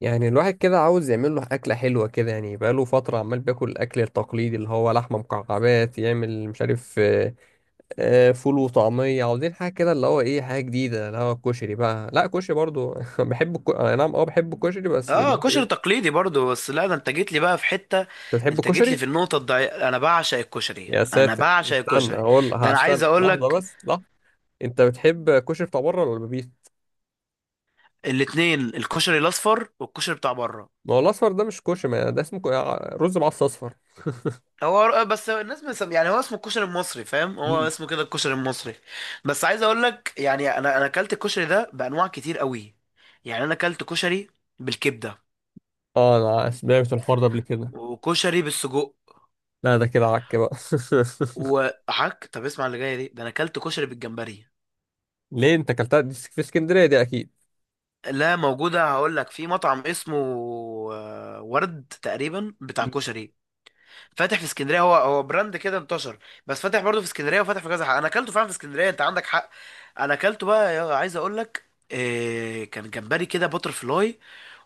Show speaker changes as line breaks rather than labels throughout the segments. يعني الواحد كده عاوز يعمل له أكلة حلوة كده، يعني بقاله فترة عمال بياكل الأكل التقليدي اللي هو لحمة مكعبات، يعمل مش عارف فول وطعمية. عاوزين حاجة كده اللي هو إيه، حاجة جديدة اللي هو الكشري بقى. لا كشري برضو بحب أنا نعم أه بحب الكشري، بس اللي
اه،
هو
كشري
إيه.
تقليدي برضو. بس لا، ده انت جيت لي بقى في حتة.
أنت بتحب
انت جيت لي
الكشري؟
في النقطة الضعيفة. انا بعشق الكشري،
يا
انا
ساتر
بعشق
استنى،
الكشري.
هقول
ده انا عايز
هستنى
اقول
لحظة،
لك.
بس لحظة. أنت بتحب كشري بتاع بره ولا البيت؟
الاتنين، الكشري الاصفر والكشري بتاع بره.
ما هو الأصفر ده مش كشري، ما ده اسمه رز معصفر أصفر.
هو بس الناس يعني هو اسمه الكشري المصري، فاهم؟ هو
مم.
اسمه كده، الكشري المصري. بس عايز اقول لك يعني انا اكلت الكشري ده بانواع كتير قوي. يعني انا اكلت كشري بالكبدة،
أه أنا سمعت الحوار ده قبل كده.
وكشري بالسجق،
لا ده كده عك بقى.
وحك طب اسمع اللي جايه دي، ده انا اكلت كشري بالجمبري.
ليه انت اكلتها دي في اسكندريه دي اكيد.
لا موجودة، هقول لك في مطعم اسمه ورد تقريبا بتاع
مم.
كشري، فاتح في اسكندرية. هو هو براند كده انتشر، بس فاتح برضه في اسكندرية وفاتح في كذا حق. انا اكلته فعلا في اسكندرية، انت عندك حق. انا اكلته بقى عايز اقول لك، كان جمبري كده باتر فلاي،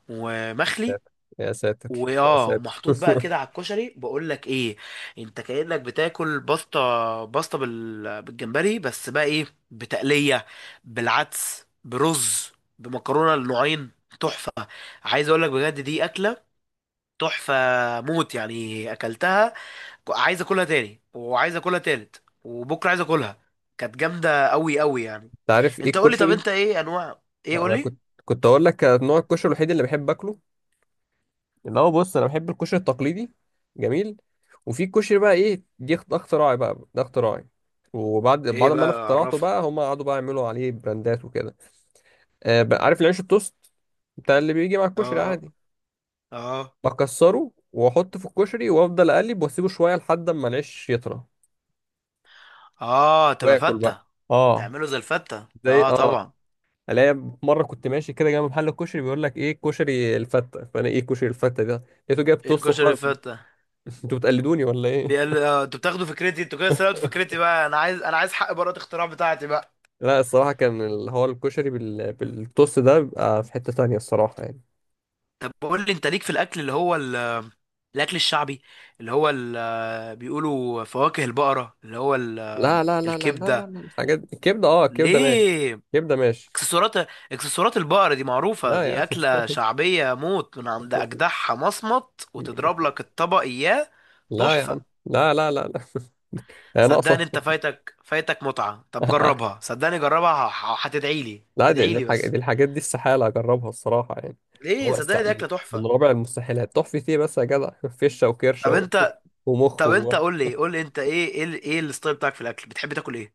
ومخلي،
يا ساتر يا
واه،
ساتر.
ومحطوط بقى كده على الكشري. بقول لك ايه، انت كأنك بتاكل باستا، باستا بالجمبري، بس بقى ايه، بتقلية، بالعدس، برز، بمكرونة النوعين. تحفة. عايز اقول لك بجد، دي اكله تحفه موت. يعني اكلتها، عايز اكلها تاني، وعايز اكلها تالت، وبكره عايز اكلها. كانت جامده قوي قوي يعني.
انت عارف ايه
انت قول لي، طب
الكشري.
انت ايه، انواع ايه، قول
انا
لي.
كنت، كنت اقول لك نوع الكشري الوحيد اللي بحب اكله، اللي هو بص انا بحب الكشري التقليدي جميل. وفي كشري بقى ايه، ده اختراعي بقى، ده اختراعي. وبعد
ايه
بعد ما انا
بقى،
اخترعته
عرفني.
بقى هم قعدوا بقى يعملوا عليه براندات وكده. آه بقى، عارف العيش التوست بتاع اللي بيجي مع الكشري
اه.
عادي،
اه.
بكسره واحطه في الكشري وافضل اقلب واسيبه شويه لحد اما العيش يطرى
اه، تبقى
واكل بقى.
فته.
اه
تعمله زي الفته،
زي
اه
اه،
طبعا.
الاقي مره كنت ماشي كده جنب محل الكشري، بيقول لك ايه كشري الفته، فانا ايه كشري الفته ده، لقيته جايب
ايه
توست
كشري
وحاطط.
الفته؟
انتوا بتقلدوني ولا ايه.
بيقال انتوا بتاخدوا فكرتي، انتوا كده سرقتوا فكرتي بقى، انا عايز، انا عايز حق براءة الاختراع بتاعتي بقى.
لا الصراحه كان اللي هو الكشري بالتوست ده بيبقى في حته تانية الصراحه يعني.
طب قول لي، انت ليك في الاكل اللي هو الاكل الشعبي؟ اللي هو بيقولوا فواكه البقرة، اللي هو
لا لا لا لا لا لا
الكبدة.
لا، الحاجات الكبده اه الكبده ماشي،
ليه؟
الكبده ماشي.
اكسسوارات. اكسسوارات البقرة دي معروفة،
لا يا عم.
دي أكلة شعبية موت، من عند أجدعها مصمت وتضرب لك الطبق إياه.
لا يا عم،
تحفة.
لا لا لا لا، هي
صدقني
ناقصه.
أنت فايتك، فايتك متعة، طب جربها صدقني جربها، هتدعي لي،
لا
ادعي لي بس.
دي الحاجات دي استحالة أجربها الصراحة يعني.
ليه؟
هو است...
صدقني دي أكلة
من
تحفة.
رابع المستحيلات، تحفي ايه بس يا جدع. فشة وكرشة
طب
و...
أنت،
ومخ
طب
و...
أنت قول لي، قول لي أنت إيه، إيه إيه الستايل بتاعك في الأكل؟ بتحب تاكل إيه؟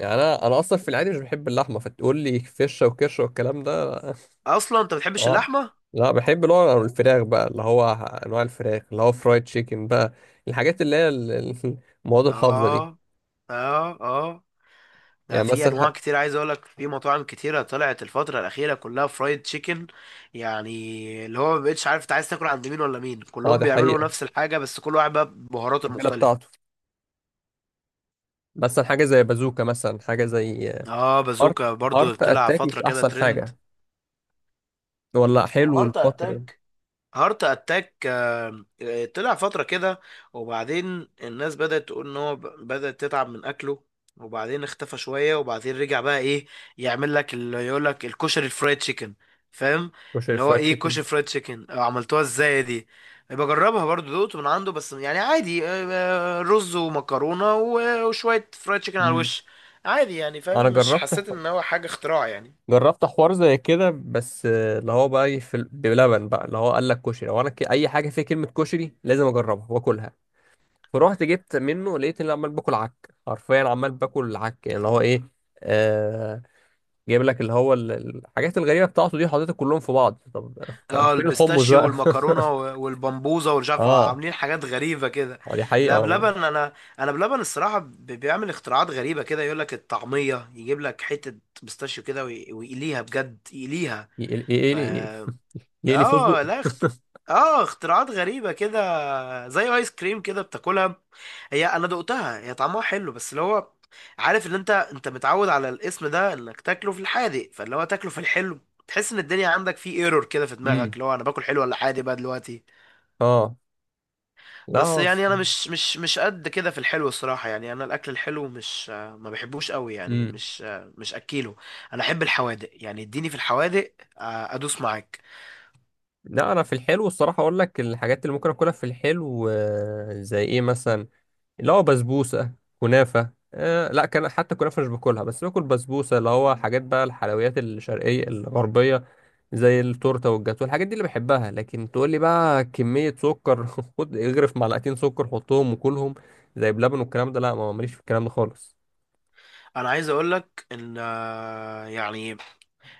يعني أنا أصلا في العادي مش بحب اللحمة، فتقول لي فشة وكرشة والكلام ده.
أصلا أنت بتحبش
آه.
اللحمة؟
لا بحب اللي هو الفراخ بقى، اللي هو أنواع الفراخ، اللي هو فرايد تشيكن بقى، الحاجات اللي المواد الحافظة دي.
آه. اه. اه، ده
يعني
في
مثلا
انواع كتير، عايز اقول لك في مطاعم كتيره طلعت الفتره الاخيره كلها فرايد تشيكن. يعني اللي هو ما بقتش عارف انت عايز تاكل عند مين ولا مين،
اه
كلهم
دي
بيعملوا
حقيقة،
نفس الحاجه، بس كل واحد بقى ببهاراته
التتبيلة
المختلفه.
بتاعته. مثلا حاجة زي بازوكا، مثلا حاجة زي
اه
هارت،
بازوكا برضو
هارت
طلع
أتاك
فتره
مش
كده
أحسن
ترند.
حاجة. والله
هو
حلو
هارت
الفترة دي.
اتاك، هارت اتاك، طلع فترة كده، وبعدين الناس بدأت تقول ان بدأت تتعب من اكله، وبعدين اختفى شوية، وبعدين رجع بقى ايه، يعمل لك اللي يقول لك الكشري الفرايد تشيكن. فاهم؟
كشري
اللي هو
فرايد
ايه
تشيكن.
كشري فرايد تشيكن، أو عملتوها ازاي دي. بجربها برضو، دقت من عنده بس يعني عادي، رز ومكرونة وشوية فرايد تشيكن على
امم،
الوش، عادي يعني.
انا
فاهم؟ مش
جربت،
حسيت ان هو حاجة اختراع يعني.
جربت حوار زي كده بس اللي هو بقى إيه بلبن بقى، اللي هو قال لك كشري، اي حاجه فيها كلمه كشري لازم اجربها واكلها. فروحت جبت منه، لقيت اني عمال باكل عك حرفيا، عمال باكل عك يعني اللي هو ايه. آه... جايب لك اللي الحاجات الغريبه بتاعته دي حاططها كلهم في بعض، طب كان
اه
فين الحمص
البيستاشيو
بقى.
والمكرونه والبمبوزه ومش عارف،
اه،
عاملين حاجات غريبه كده.
آه، دي حقيقه
لا
والله.
بلبن، انا انا بلبن الصراحه بيعمل اختراعات غريبه كده، يقول لك الطعميه يجيب لك حته بيستاشيو كده، ويقليها بجد يقليها.
ايه ايه ايه
ف
ايه إيه- إيه- إيه- إيه- فستق.
اه لا اه اختراعات غريبة كده، زي ايس كريم كده بتاكلها. هي انا دقتها، هي طعمها حلو، بس اللي هو عارف ان انت، انت متعود على الاسم ده انك تاكله في الحادق، فاللي هو تاكله في الحلو، تحس ان الدنيا عندك في ايرور كده في دماغك،
امم.
اللي هو انا باكل حلو ولا حادق بقى دلوقتي.
اه لا
بس
هو،
يعني انا مش قد كده في الحلو الصراحة. يعني انا الاكل الحلو مش آه، ما بحبوش قوي، يعني
امم.
مش اكيله. انا احب الحوادق، يعني اديني في الحوادق ادوس معاك.
لا انا في الحلو الصراحه اقول لك الحاجات اللي ممكن اكلها في الحلو، زي ايه مثلا، اللي هو بسبوسه، كنافه آه لا، كان حتى كنافه مش باكلها، بس باكل بسبوسه، اللي هو حاجات بقى الحلويات الشرقيه الغربيه زي التورته والجاتو، الحاجات دي اللي بحبها. لكن تقول لي بقى كميه سكر، خد اغرف معلقتين سكر حطهم وكلهم زي بلبن والكلام ده، لا ما ماليش في الكلام ده خالص.
انا عايز اقول لك ان يعني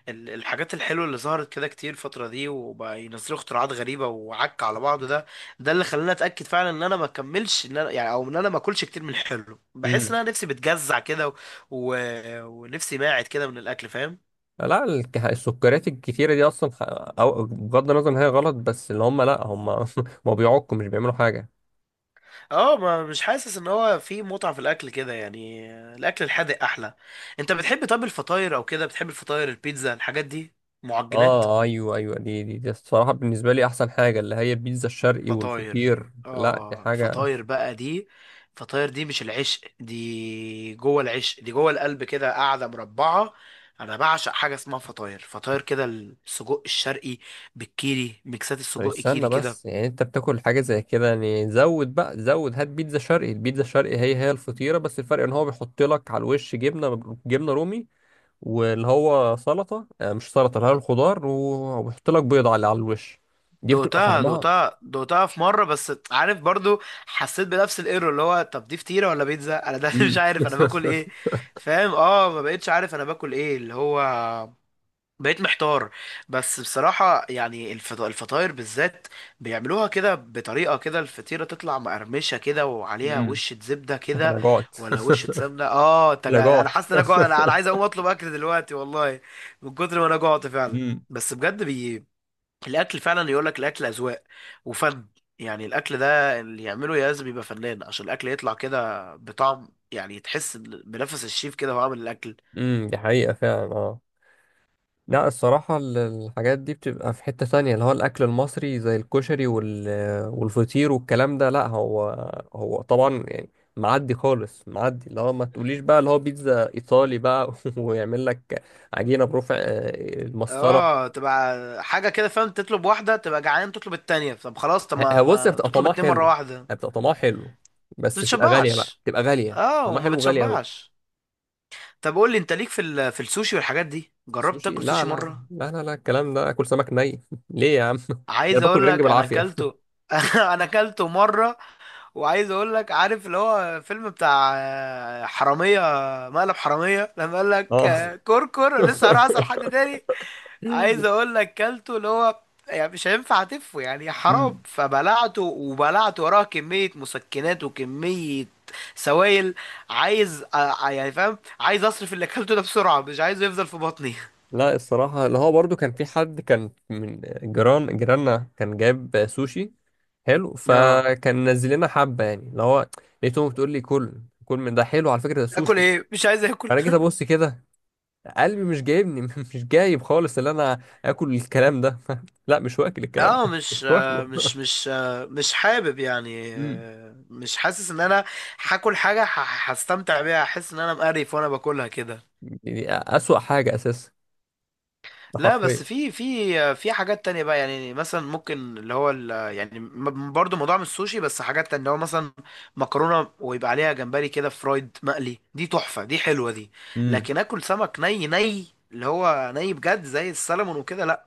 الحاجات الحلوه اللي ظهرت كده كتير الفتره دي، وبقى ينزلوا اختراعات غريبه وعك على بعض، ده ده اللي خلاني اتاكد فعلا ان انا ما اكملش، ان انا يعني، او ان انا ما اكلش كتير من الحلو. بحس ان انا نفسي بتجزع كده، و... و... ونفسي ماعد كده من الاكل، فاهم؟
لا السكريات الكتيرة دي أصلا أو بغض النظر إن هي غلط، بس اللي هم لأ هم ما بيعكوا، مش بيعملوا حاجة.
اه، ما مش حاسس ان هو في متعه في الاكل كده يعني. الاكل الحادق احلى. انت بتحب طب الفطاير او كده؟ بتحب الفطاير، البيتزا، الحاجات دي، معجنات؟
اه ايوه ايوه، دي الصراحه بالنسبه لي احسن حاجه اللي هي البيتزا الشرقي
فطاير،
والفطير، لا دي
اه،
حاجه.
الفطاير بقى دي، الفطاير دي مش العشق، دي جوه العشق، دي جوه القلب كده قاعده مربعه. انا بعشق حاجه اسمها فطاير، فطاير كده السجق الشرقي بالكيري، ميكسات
طب
السجق
استنى
كيري
بس،
كده.
يعني انت بتاكل حاجه زي كده، يعني زود بقى زود، هات بيتزا شرقي. البيتزا الشرقي هي هي الفطيره، بس الفرق ان هو بيحط لك على الوش جبنه، جبنه رومي، واللي هو سلطه مش سلطه، اللي هي الخضار وبيحط لك بيض على على الوش. دي بتبقى
دقتها
طعمها
دقتها دقتها في مره، بس عارف برضو حسيت بنفس الايرور، اللي هو طب دي فطيره ولا بيتزا انا ده، مش
امم
عارف انا باكل ايه. فاهم؟ اه ما بقتش عارف انا باكل ايه، اللي هو بقيت محتار. بس بصراحة يعني الفطاير بالذات بيعملوها كده بطريقة، كده الفطيرة تطلع مقرمشة كده، وعليها
امم.
وشة زبدة
احنا
كده
جعت.
ولا وشة سمنة. اه انت
لا
انا
جعت.
حاسس ان انا جوع، انا أنا عايز اقوم اطلب اكل دلوقتي والله، من كتر ما انا جوعت فعلا.
امم،
بس بجد الاكل فعلا، يقول لك الاكل اذواق وفن. يعني الاكل ده اللي يعمله لازم يبقى فنان، عشان الاكل يطلع كده بطعم، يعني تحس إن بنفس الشيف كده هو عامل الاكل.
دي حقيقة فعلا اه. لا الصراحة الحاجات دي بتبقى في حتة تانية، اللي هو الأكل المصري زي الكشري وال... والفطير والكلام ده. لا هو، هو طبعا يعني معدي خالص معدي، اللي هو ما تقوليش بقى اللي هو بيتزا إيطالي بقى. ويعمل لك عجينة برفع المسطرة.
اه تبقى حاجه كده، فاهم؟ تطلب واحده تبقى جعان، تطلب التانية. طب خلاص، طب ما,
هو بص هي
ما
بتبقى
تطلب
طعمها
اتنين مره
حلو،
واحده، ما
هي بتبقى طعمها حلو، بس بتبقى غالية بقى،
بتشبعش.
بتبقى غالية
اه
طعمها
وما
حلو وغالية أوي.
بتشبعش. طب قول لي انت ليك في في السوشي والحاجات دي، جربت
سوشي
تاكل
لا
سوشي
لا،
مره؟
لا لا لا الكلام ده اكل سمك ني. ليه يا عم ده، انا
عايز
باكل
اقول
رنج
لك انا
بالعافيه.
اكلته. انا اكلته مره، وعايز اقول لك، عارف اللي هو فيلم بتاع حراميه، مقلب حراميه، لما قال لك
اه.
كركر لسه هروح اسال حد تاني؟ عايز اقول لك كلته، اللي هو يعني مش هينفع تفه يعني حرام،
أمم.
فبلعته، وبلعت وراه كمية مسكنات وكمية سوائل. عايز يعني، فاهم، عايز اصرف اللي اكلته ده بسرعة، مش عايزه يفضل في بطني.
لا الصراحه اللي هو برضو كان في حد كان من جيران جيراننا كان جاب سوشي حلو،
اه
فكان نزل لنا حبه يعني اللي هو، لقيتهم بتقول لي كل كل من ده حلو على فكره، ده
اكل
سوشي.
ايه، مش عايز اكل.
انا جيت ابص كده، قلبي مش جايبني، مش جايب خالص اللي انا اكل الكلام ده. لا مش واكل الكلام
اه
ده، مش واكله.
مش حابب يعني،
أمم.
مش حاسس ان انا هاكل حاجة هستمتع بيها، احس ان انا مقرف وانا باكلها كده.
يعني اسوأ حاجه اساسا، ده
لا بس
حرفيا.
في في حاجات تانية بقى، يعني مثلا ممكن اللي هو يعني برضو موضوع من السوشي، بس حاجات تانية اللي هو مثلا مكرونة ويبقى عليها جمبري كده فرايد مقلي، دي تحفة، دي حلوة دي.
امم،
لكن اكل سمك ني، ني، اللي هو ني بجد زي السلمون وكده، لا.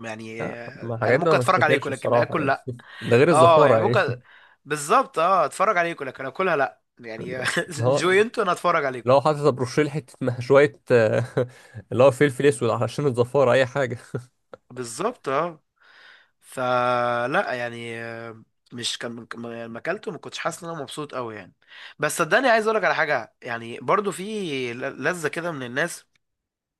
يعني
آه، ما
انا
الحاجات دي
ممكن
ما
اتفرج
تتاكلش
عليكم، لكن
الصراحه
اكل لا.
يعني. ده غير
اه
الزفاره
يعني
يعني.
ممكن، بالظبط اه، اتفرج عليكم لكن اكلها لا يعني.
اللي هو
انجوي انتوا، انا اتفرج عليكم.
لو حاطط بروشيل حته شويه آه، اللي هو فلفل اسود علشان الزفاره اي حاجه.
بالظبط اه. فلا يعني آه، مش كان لما اكلته ما كنتش حاسس ان انا مبسوط قوي يعني. بس صدقني عايز اقول لك على حاجه، يعني برضو في لذه كده من الناس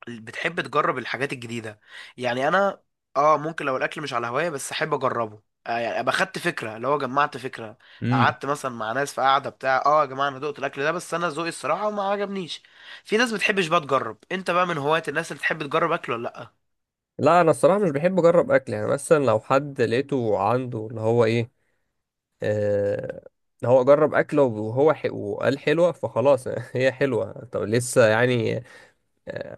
اللي بتحب تجرب الحاجات الجديده. يعني انا اه ممكن لو الاكل مش على هوايه، بس احب اجربه. آه يعني ابقى خدت فكره، اللي هو جمعت فكره.
امم،
قعدت مثلا مع ناس في قعده بتاع، اه يا جماعه انا دقت الاكل ده، بس انا ذوقي الصراحه ما عجبنيش. في ناس بتحبش بقى تجرب. انت بقى من هوايه الناس اللي تحب تجرب اكل ولا لا؟
لا انا الصراحه مش بحب اجرب اكل، يعني مثلا لو حد لقيته عنده اللي هو ايه، آه، هو جرب اكله وهو حي وقال حلوه فخلاص، هي حلوه طب لسه يعني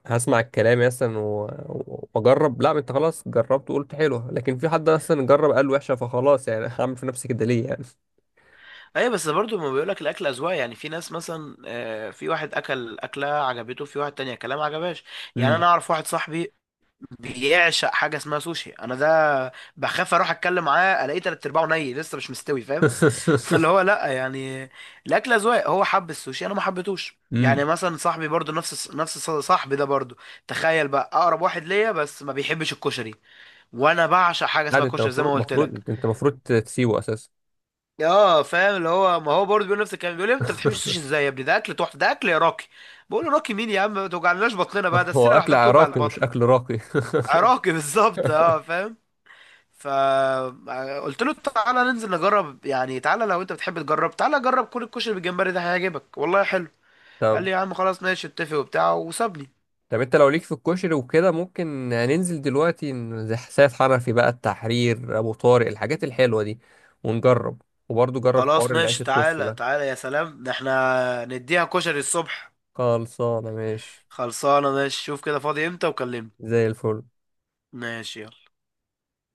هسمع الكلام مثلا واجرب؟ لا ما انت خلاص جربت وقلت حلو، لكن في حد مثلا جرب قال وحشه فخلاص يعني، هعمل في نفسي كده ليه يعني.
ايوه بس برضو ما بيقولك الاكل اذواق، يعني في ناس مثلا في واحد اكل اكله عجبته، في واحد تانية كلام عجبهاش. يعني
امم.
انا اعرف واحد صاحبي بيعشق حاجه اسمها سوشي، انا ده بخاف اروح اتكلم معاه الاقيه تلات ارباعه ني لسه مش مستوي، فاهم؟ فاللي هو لا يعني، الاكل اذواق، هو حب السوشي، انا ما حبيتهوش. يعني
امم.
مثلا صاحبي برضو، نفس صاحبي ده برضو، تخيل بقى اقرب واحد ليا، بس ما بيحبش الكشري، وانا بعشق حاجه
لا
اسمها
ده انت
كشري زي
المفروض،
ما قلت لك.
المفروض انت المفروض تسيبه اساسا.
اه فاهم، اللي هو ما هو برضه بيقول نفس الكلام، بيقول لي انت بتحبش السوشي ازاي يا ابني، ده اكل تحفه، ده اكل عراقي. بقول له راقي مين يا عم، ما توجعناش بطننا بقى، ده
هو
السيره
اكل
لوحدها بتوجع
عراقي مش
البطن.
اكل راقي.
عراقي. بالظبط اه، فاهم. فقلت له تعالى ننزل نجرب، يعني تعالى لو انت بتحب تجرب، تعالى جرب كل الكشري بالجمبري ده، هيعجبك والله حلو. قال
طب
لي يا عم خلاص ماشي، اتفق وبتاع وسابني.
طب انت لو ليك في الكشري وكده، ممكن ننزل دلوقتي زي سيد حنفي بقى، التحرير، ابو طارق، الحاجات الحلوه دي ونجرب، وبرضه جرب حوار
خلاص
العيش
ماشي،
التوست
تعالى
ده.
تعالى، يا سلام، ده احنا نديها كشري الصبح.
خلصانه ماشي،
خلصانه ماشي، شوف كده فاضي امتى وكلمني.
زي الفل.
ماشي.